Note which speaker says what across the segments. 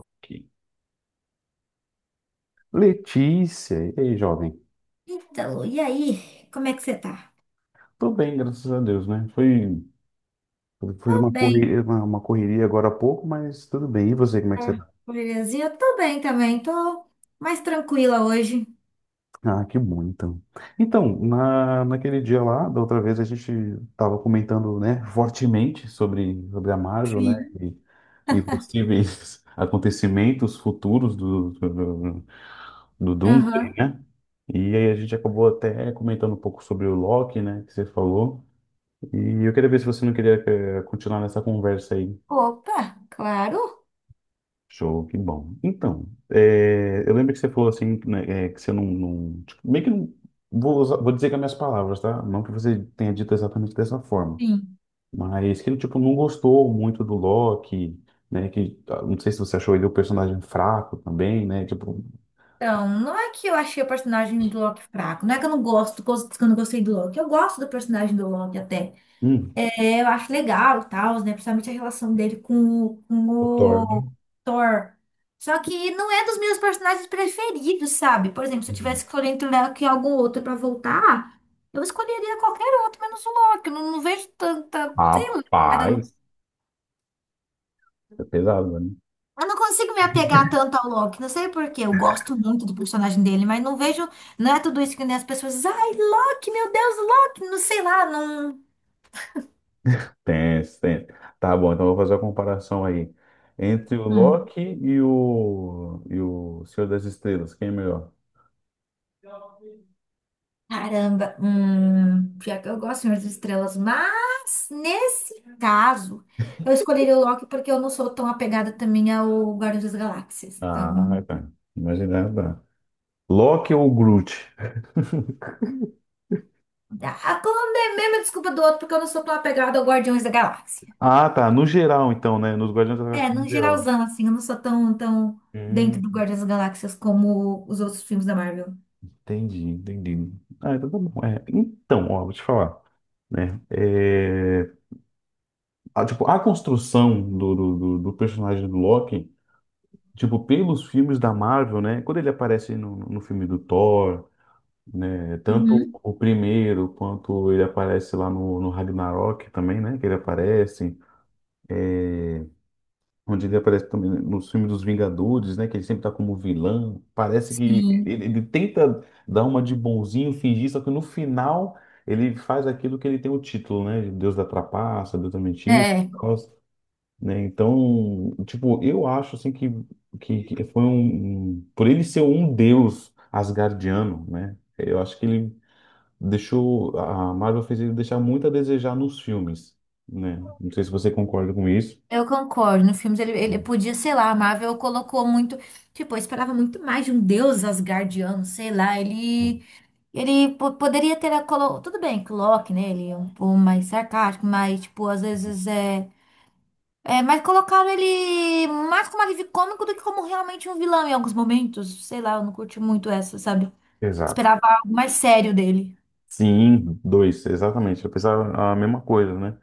Speaker 1: Ok. Letícia, e aí, jovem?
Speaker 2: Então, e aí, como é que você tá?
Speaker 1: Tudo bem, graças a Deus, né? Foi
Speaker 2: Tô
Speaker 1: uma
Speaker 2: bem,
Speaker 1: correria, uma correria agora há pouco, mas tudo bem. E você, como é que você
Speaker 2: tá?
Speaker 1: tá?
Speaker 2: Belezinha? Tô bem também, tô mais tranquila hoje.
Speaker 1: Ah, que bom, então. Então, naquele dia lá, da outra vez, a gente estava comentando, né, fortemente sobre a Marvel, né?
Speaker 2: Sim,
Speaker 1: E, e possíveis acontecimentos futuros do Doomsday,
Speaker 2: Aham.
Speaker 1: né? E aí a gente acabou até comentando um pouco sobre o Loki, né, que você falou. E eu queria ver se você não queria continuar nessa conversa aí.
Speaker 2: Opa, claro.
Speaker 1: Show, que bom. Então, eu lembro que você falou assim, né, que você não, tipo, meio que não, vou dizer com as minhas palavras, tá? Não que você tenha dito exatamente dessa forma,
Speaker 2: Sim.
Speaker 1: mas que ele, tipo, não gostou muito do Loki, né? Que, ah, não sei se você achou ele o personagem fraco também, né? Tipo,
Speaker 2: Então, não é que eu achei o personagem do Loki fraco, não é que eu não gosto, que eu não gostei do Loki. Eu gosto do personagem do Loki até.
Speaker 1: hum,
Speaker 2: É, eu acho legal e tal, né? Principalmente a relação dele com, o com
Speaker 1: O Thor,
Speaker 2: o
Speaker 1: né?
Speaker 2: Thor. Só que não é dos meus personagens preferidos, sabe? Por exemplo, se eu
Speaker 1: Uhum.
Speaker 2: tivesse que escolher entre o Loki e algum outro pra voltar, eu escolheria qualquer outro, menos o Loki. Eu não, não vejo tanta. Sei lá, cara.
Speaker 1: Rapaz, é pesado, né?
Speaker 2: Eu não consigo me apegar tanto ao Loki. Não sei por quê. Eu gosto muito do personagem dele, mas não vejo. Não é tudo isso que nem as pessoas dizem. Ai, Loki, meu Deus, Loki. Não sei lá, não.
Speaker 1: Tenso, tenso. Tá bom, então eu vou fazer a comparação aí. Entre o Loki e e o Senhor das Estrelas, quem é melhor?
Speaker 2: Caramba, pior que eu gosto, de Senhor das Estrelas, mas nesse caso, eu escolheria o Loki porque eu não sou tão apegada também ao Guardiões das Galáxias.
Speaker 1: Ah,
Speaker 2: Então,
Speaker 1: tá. Imaginando, tá. Loki ou Groot?
Speaker 2: a é mesmo desculpa do outro porque eu não sou tão apegada ao Guardiões da Galáxia.
Speaker 1: Ah, tá. No geral, então, né? Nos Guardiões da Galáxia
Speaker 2: É,
Speaker 1: no
Speaker 2: num
Speaker 1: geral.
Speaker 2: geralzão, assim, eu não sou tão dentro
Speaker 1: Hum,
Speaker 2: do Guardiões das Galáxias como os outros filmes da Marvel.
Speaker 1: entendi, entendi. Ah, então tá bom. É, então, ó, vou te falar, né? É, tipo, a construção do personagem do Loki, tipo, pelos filmes da Marvel, né? Quando ele aparece no filme do Thor, né? Tanto
Speaker 2: Uhum.
Speaker 1: o primeiro quanto ele aparece lá no Ragnarok também, né? Que ele aparece, onde ele aparece também nos filmes dos Vingadores, né? Que ele sempre tá como vilão. Parece que ele,
Speaker 2: Sim,
Speaker 1: ele, ele tenta dar uma de bonzinho, fingir, só que no final ele faz aquilo que ele tem o título, né? Deus da trapaça, Deus da mentira,
Speaker 2: é.
Speaker 1: e tal, né? Então, tipo, eu acho assim que, que foi por ele ser um deus asgardiano, né? Eu acho que ele deixou a Marvel fez ele deixar muito a desejar nos filmes, né? Não sei se você concorda com isso.
Speaker 2: Eu concordo. No filme ele podia, sei lá, a Marvel colocou muito. Tipo, eu esperava muito mais de um deus asgardiano, sei lá. Ele. Ele poderia ter a colo. Tudo bem que o Loki, né? Ele é um pouco mais sarcástico, mas, tipo, às vezes é. É, mas colocaram ele mais como alívio cômico do que como realmente um vilão em alguns momentos. Sei lá, eu não curti muito essa, sabe?
Speaker 1: Exato.
Speaker 2: Esperava algo mais sério dele.
Speaker 1: Sim, dois, exatamente. Eu pensava a mesma coisa, né?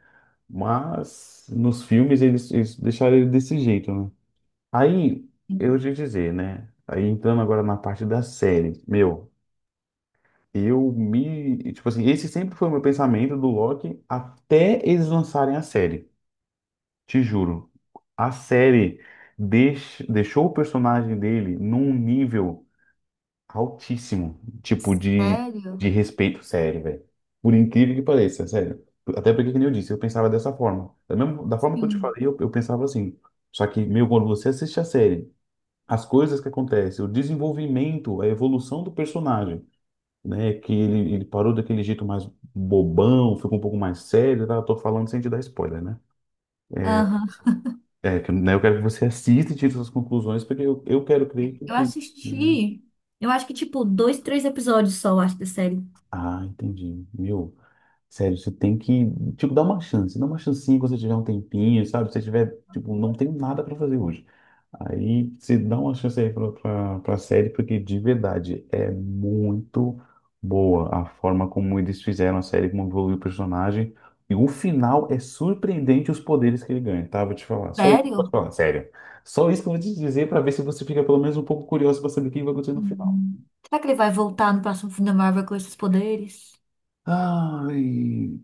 Speaker 1: Mas nos filmes eles deixaram ele desse jeito, né? Aí, eu te dizer, né? Aí entrando agora na parte da série, meu, eu me. Tipo assim, esse sempre foi o meu pensamento do Loki até eles lançarem a série. Te juro, a série deixou o personagem dele num nível altíssimo, tipo de
Speaker 2: Sério?
Speaker 1: respeito sério, velho. Por incrível que pareça, sério. Até porque, como eu disse, eu pensava dessa forma. Da forma que eu te
Speaker 2: Sim.
Speaker 1: falei, eu pensava assim. Só que, meu, quando você assiste a série, as coisas que acontecem, o desenvolvimento, a evolução do personagem, né? Que ele parou daquele jeito mais bobão, ficou um pouco mais sério, tá? Eu tô falando sem te dar spoiler, né? É,
Speaker 2: Aham.
Speaker 1: que, né, eu quero que você assista e tire suas conclusões, porque eu quero crer que,
Speaker 2: Eu
Speaker 1: que... Hum.
Speaker 2: assisti. Eu acho que, tipo, dois, três episódios só, eu acho, da série.
Speaker 1: Ah, entendi. Meu, sério, você tem que, tipo, dar uma chance. Dá uma chancinha quando você tiver um tempinho, sabe? Se você tiver, tipo, não tem nada pra fazer hoje. Aí você dá uma chance aí pra série, porque de verdade é muito boa a forma como eles fizeram a série, como evoluiu o personagem. E o final é surpreendente os poderes que ele ganha, tá? Vou te falar. Só isso que eu vou te
Speaker 2: Sério?
Speaker 1: falar, sério. Só isso que eu vou te dizer pra ver se você fica pelo menos um pouco curioso pra saber o que vai acontecer no final.
Speaker 2: Hum. Será que ele vai voltar no próximo filme da Marvel com esses poderes?
Speaker 1: Ai.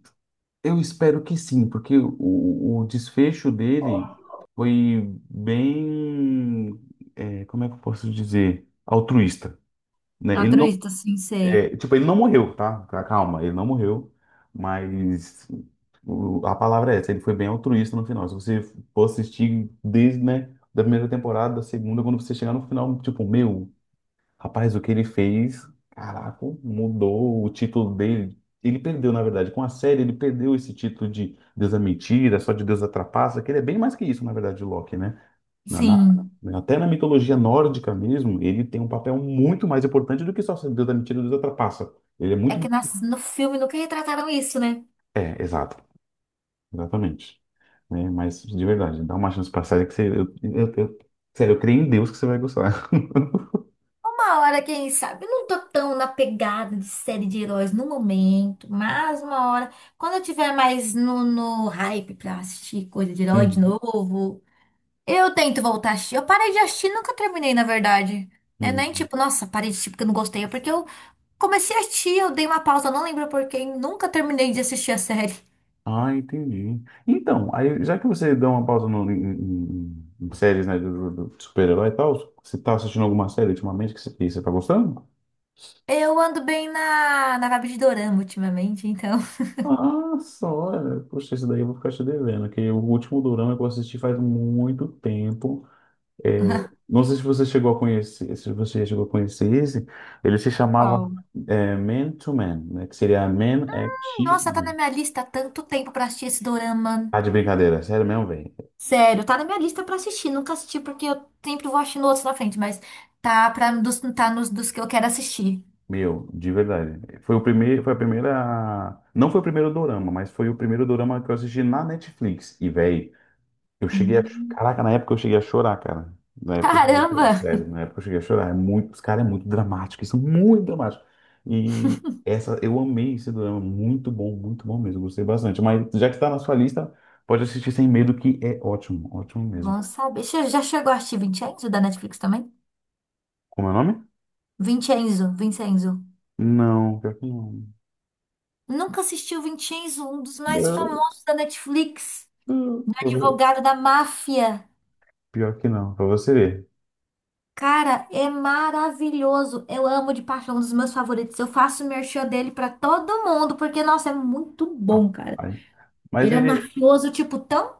Speaker 1: Eu espero que sim, porque o desfecho dele foi bem, como é que eu posso dizer, altruísta, né? Ele não,
Speaker 2: Altruísta, sim, sei.
Speaker 1: é, tipo, ele não morreu, tá? Calma, ele não morreu, mas a palavra é essa, ele foi bem altruísta no final. Se você for assistir desde, né, da primeira temporada, da segunda, quando você chegar no final, tipo, meu, Rapaz, o que ele fez, caraca, mudou o título dele. Ele perdeu, na verdade, com a série, ele perdeu esse título de Deus é mentira, só de Deus a trapaça, que ele é bem mais que isso, na verdade, de Loki, né?
Speaker 2: Sim.
Speaker 1: Até na mitologia nórdica mesmo, ele tem um papel muito mais importante do que só ser Deus da mentira e Deus da trapaça. Ele é
Speaker 2: É
Speaker 1: muito
Speaker 2: que
Speaker 1: mais.
Speaker 2: no filme nunca retrataram isso, né?
Speaker 1: É, exato, exatamente. Né? Mas, de verdade, dá uma chance pra série que você. Sério, eu creio em Deus que você vai gostar.
Speaker 2: Uma hora, quem sabe? Eu não tô tão na pegada de série de heróis no momento, mas uma hora, quando eu tiver mais no hype pra assistir coisa de herói de
Speaker 1: Uhum,
Speaker 2: novo, eu tento voltar a assistir. Eu parei de assistir, nunca terminei, na verdade. Né? Nem
Speaker 1: uhum.
Speaker 2: tipo, nossa, parei de assistir porque eu não gostei, é porque eu comecei a assistir, eu dei uma pausa, não lembro por quê, e nunca terminei de assistir a série.
Speaker 1: Ah, entendi. Então, aí, já que você deu uma pausa no, em, em- em séries, né, do super-herói e tal, você tá assistindo alguma série ultimamente que você tá gostando?
Speaker 2: Eu ando bem na vibe de dorama ultimamente, então.
Speaker 1: Ah, só, olha, poxa, esse daí eu vou ficar te devendo, que o último dorama que eu assisti faz muito tempo. É, não sei se você chegou a conhecer, se você chegou a conhecer esse, ele se chamava
Speaker 2: Qual?
Speaker 1: Man to Man, né, que seria Man X
Speaker 2: Nossa, tá na
Speaker 1: Men.
Speaker 2: minha lista há tanto tempo pra assistir esse dorama.
Speaker 1: Tá de brincadeira, sério mesmo, velho.
Speaker 2: Sério, tá na minha lista pra assistir. Nunca assisti porque eu sempre vou assistindo outros na frente, mas tá, tá nos dos que eu quero assistir.
Speaker 1: Meu, de verdade. Foi o primeiro, foi a primeira, não foi o primeiro dorama, mas foi o primeiro dorama que eu assisti na Netflix. E véi, eu cheguei a,
Speaker 2: Hum.
Speaker 1: caraca, na época eu cheguei a chorar, cara. Na época eu cheguei a chorar,
Speaker 2: Caramba!
Speaker 1: sério, na época eu cheguei a chorar. É muito, os caras é muito dramático, isso é muito dramático. E eu amei esse dorama, muito bom mesmo, gostei bastante. Mas já que está na sua lista, pode assistir sem medo que é ótimo, ótimo mesmo.
Speaker 2: Bom saber. Você já chegou a assistir Vincenzo da Netflix também?
Speaker 1: Como é o nome?
Speaker 2: Vincenzo, Vincenzo.
Speaker 1: Não, pior que não.
Speaker 2: Nunca assisti o Vincenzo, um dos mais famosos da Netflix, do advogado da máfia.
Speaker 1: Pior que não, pra você ver.
Speaker 2: Cara, é maravilhoso. Eu amo de paixão, um dos meus favoritos. Eu faço merchan dele pra todo mundo, porque, nossa, é muito bom,
Speaker 1: Rapaz.
Speaker 2: cara.
Speaker 1: Mas
Speaker 2: Ele é um
Speaker 1: ele.
Speaker 2: mafioso, tipo, tão.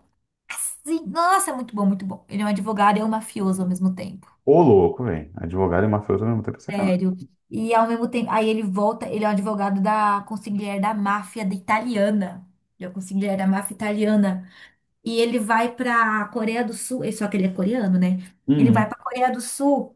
Speaker 2: Nossa, é muito bom, muito bom. Ele é um advogado e é um mafioso ao mesmo tempo.
Speaker 1: Ô, louco, velho. Advogado e mafioso ao mesmo tempo é sacanagem.
Speaker 2: Sério. E ao mesmo tempo. Aí ele volta, ele é um advogado da consigliere da máfia da italiana. Ele é o consigliere da máfia italiana. E ele vai pra Coreia do Sul. Só que ele é coreano, né? Ele vai
Speaker 1: Uhum.
Speaker 2: pra Coreia do Sul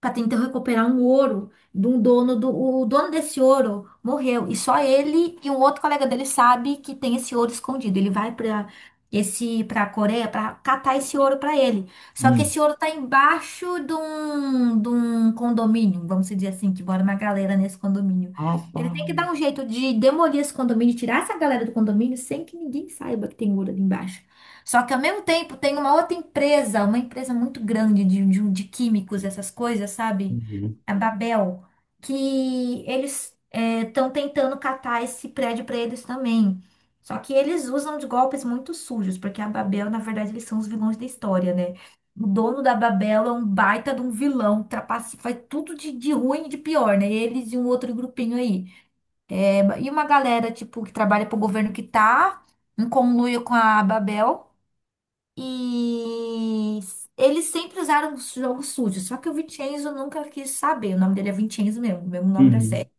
Speaker 2: para tentar recuperar um ouro de um dono do o dono desse ouro morreu, e só ele e um outro colega dele sabe que tem esse ouro escondido. Ele vai para a Coreia para catar esse ouro para ele. Só que
Speaker 1: Uhum.
Speaker 2: esse ouro tá embaixo de um condomínio, vamos dizer assim, que mora uma galera nesse condomínio. Ele tem que
Speaker 1: Rapaz.
Speaker 2: dar um jeito de demolir esse condomínio, tirar essa galera do condomínio sem que ninguém saiba que tem ouro ali embaixo. Só que ao mesmo tempo tem uma outra empresa, uma empresa muito grande de químicos, essas coisas, sabe?
Speaker 1: Uhum.
Speaker 2: A Babel, que eles estão tentando catar esse prédio para eles também. Só que eles usam de golpes muito sujos, porque a Babel, na verdade, eles são os vilões da história, né? O dono da Babel é um baita de um vilão, trapace, faz tudo de ruim e de pior, né? Eles e um outro grupinho aí. É, e uma galera, tipo, que trabalha pro governo que tá em conluio com a Babel. E eles sempre usaram os jogos sujos, só que o Vincenzo nunca quis saber. O nome dele é Vincenzo mesmo, o mesmo nome da série.
Speaker 1: Uhum.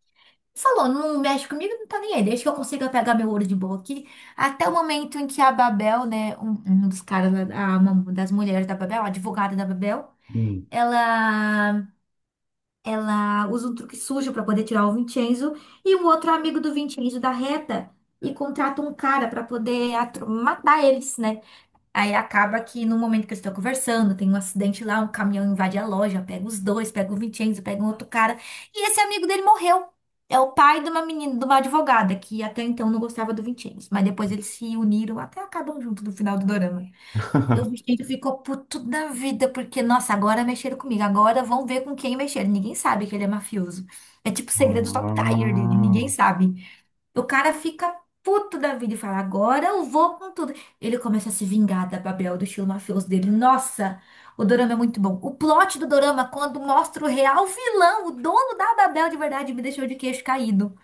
Speaker 2: Falou, não mexe comigo, não tá nem aí. Desde que eu consiga pegar meu ouro de boa aqui. Até o momento em que a Babel, né, um dos caras, lá, uma das mulheres da Babel, a advogada da Babel,
Speaker 1: Uhum.
Speaker 2: ela, ela usa um truque sujo pra poder tirar o Vincenzo. E o outro amigo do Vincenzo da reta e contrata um cara pra poder matar eles, né? Aí acaba que no momento que eles estão conversando, tem um acidente lá, um caminhão invade a loja, pega os dois, pega o Vincenzo, pega um outro cara. E esse amigo dele morreu. É o pai de uma menina, de uma advogada, que até então não gostava do Vincenzo. Mas depois eles se uniram, até acabam junto no final do dorama. E o Vincenzo ficou puto da vida, porque, nossa, agora mexeram comigo. Agora vão ver com quem mexeram. Ninguém sabe que ele é mafioso. É tipo o segredo do Top Tier dele, ninguém
Speaker 1: Ah.
Speaker 2: sabe. O cara fica puto da vida e fala: Agora eu vou com tudo. Ele começa a se vingar da Babel, do estilo mafioso dele. Nossa, o dorama é muito bom. O plot do dorama, quando mostra o real vilão, o dono da Babel de verdade, me deixou de queixo caído.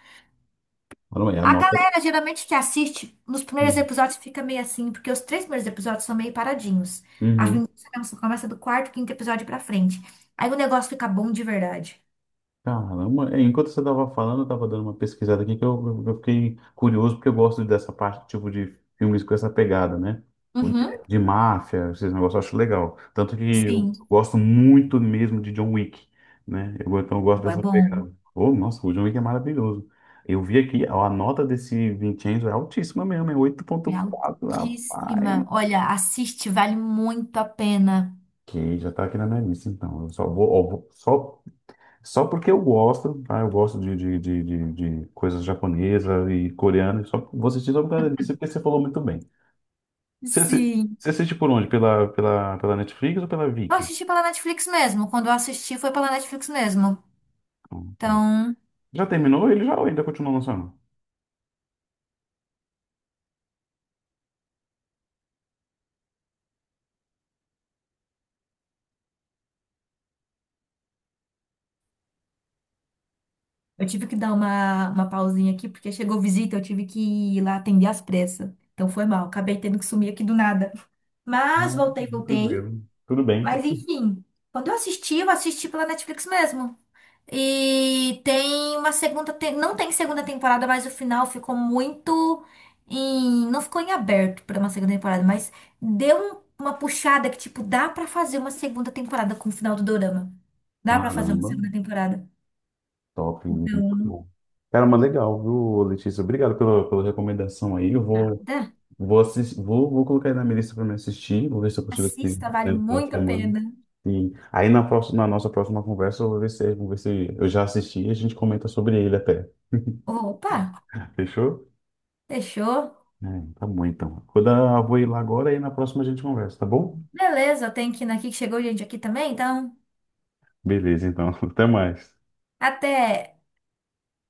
Speaker 1: Olha aí,
Speaker 2: A
Speaker 1: anota.
Speaker 2: galera, geralmente, que assiste, nos primeiros episódios fica meio assim, porque os três primeiros episódios são meio paradinhos. A
Speaker 1: Uhum.
Speaker 2: vingança mesmo só começa do quarto, quinto episódio pra frente. Aí o negócio fica bom de verdade.
Speaker 1: Caramba, enquanto você estava falando, eu estava dando uma pesquisada aqui que eu fiquei curioso porque eu gosto dessa parte, tipo, de filmes com essa pegada, né? O De,
Speaker 2: Uhum,
Speaker 1: de máfia, esses negócios eu acho legal. Tanto que eu
Speaker 2: sim.
Speaker 1: gosto muito mesmo de John Wick, né? Então eu gosto
Speaker 2: É
Speaker 1: dessa
Speaker 2: bom.
Speaker 1: pegada. Oh, nossa, o John Wick é maravilhoso. Eu vi aqui, ó, a nota desse Vincenzo é altíssima mesmo, é oito
Speaker 2: É
Speaker 1: ponto quatro rapaz.
Speaker 2: altíssima. Olha, assiste, vale muito a pena.
Speaker 1: Que já tá aqui na minha lista, então. Eu só vou, ó, só. Só porque eu gosto, tá? Eu gosto de coisas japonesa e coreana. Só, vou assistir só por causa disso, porque você falou muito bem. Você, assi-
Speaker 2: Sim.
Speaker 1: você assiste por onde? Pela Netflix ou pela
Speaker 2: Eu
Speaker 1: Viki?
Speaker 2: assisti pela Netflix mesmo. Quando eu assisti, foi pela Netflix mesmo.
Speaker 1: Tá.
Speaker 2: Então,
Speaker 1: Já terminou ele já ou ainda continua lançando?
Speaker 2: eu tive que dar uma pausinha aqui, porque chegou visita, eu tive que ir lá atender às pressas. Então foi mal, acabei tendo que sumir aqui do nada. Mas
Speaker 1: Ah,
Speaker 2: voltei, voltei.
Speaker 1: tranquilo. Tudo bem.
Speaker 2: Mas enfim, quando eu assisti pela Netflix mesmo. E tem não tem segunda temporada, mas o final ficou não ficou em aberto para uma segunda temporada, mas uma puxada que tipo dá pra fazer uma segunda temporada com o final do Dorama. Dá pra fazer uma
Speaker 1: Caramba,
Speaker 2: segunda temporada.
Speaker 1: top. Muito
Speaker 2: Então,
Speaker 1: bom. Cara, mas legal, viu, Letícia? Obrigado pela recomendação aí. Eu vou,
Speaker 2: dá.
Speaker 1: vou, assistir, vou, vou colocar aí na minha lista para me assistir. Vou ver se eu consigo assistir
Speaker 2: Assista, vale
Speaker 1: dentro da
Speaker 2: muito a
Speaker 1: semana.
Speaker 2: pena.
Speaker 1: Sim. Aí na próxima, na nossa próxima conversa, eu vou ver se eu já assisti e a gente comenta sobre ele até.
Speaker 2: Opa,
Speaker 1: Fechou?
Speaker 2: fechou.
Speaker 1: É, tá bom então. Vou ir lá agora e na próxima a gente conversa, tá bom?
Speaker 2: Beleza, eu tenho que ir aqui que chegou gente aqui também, então
Speaker 1: Beleza, então. Até mais.
Speaker 2: até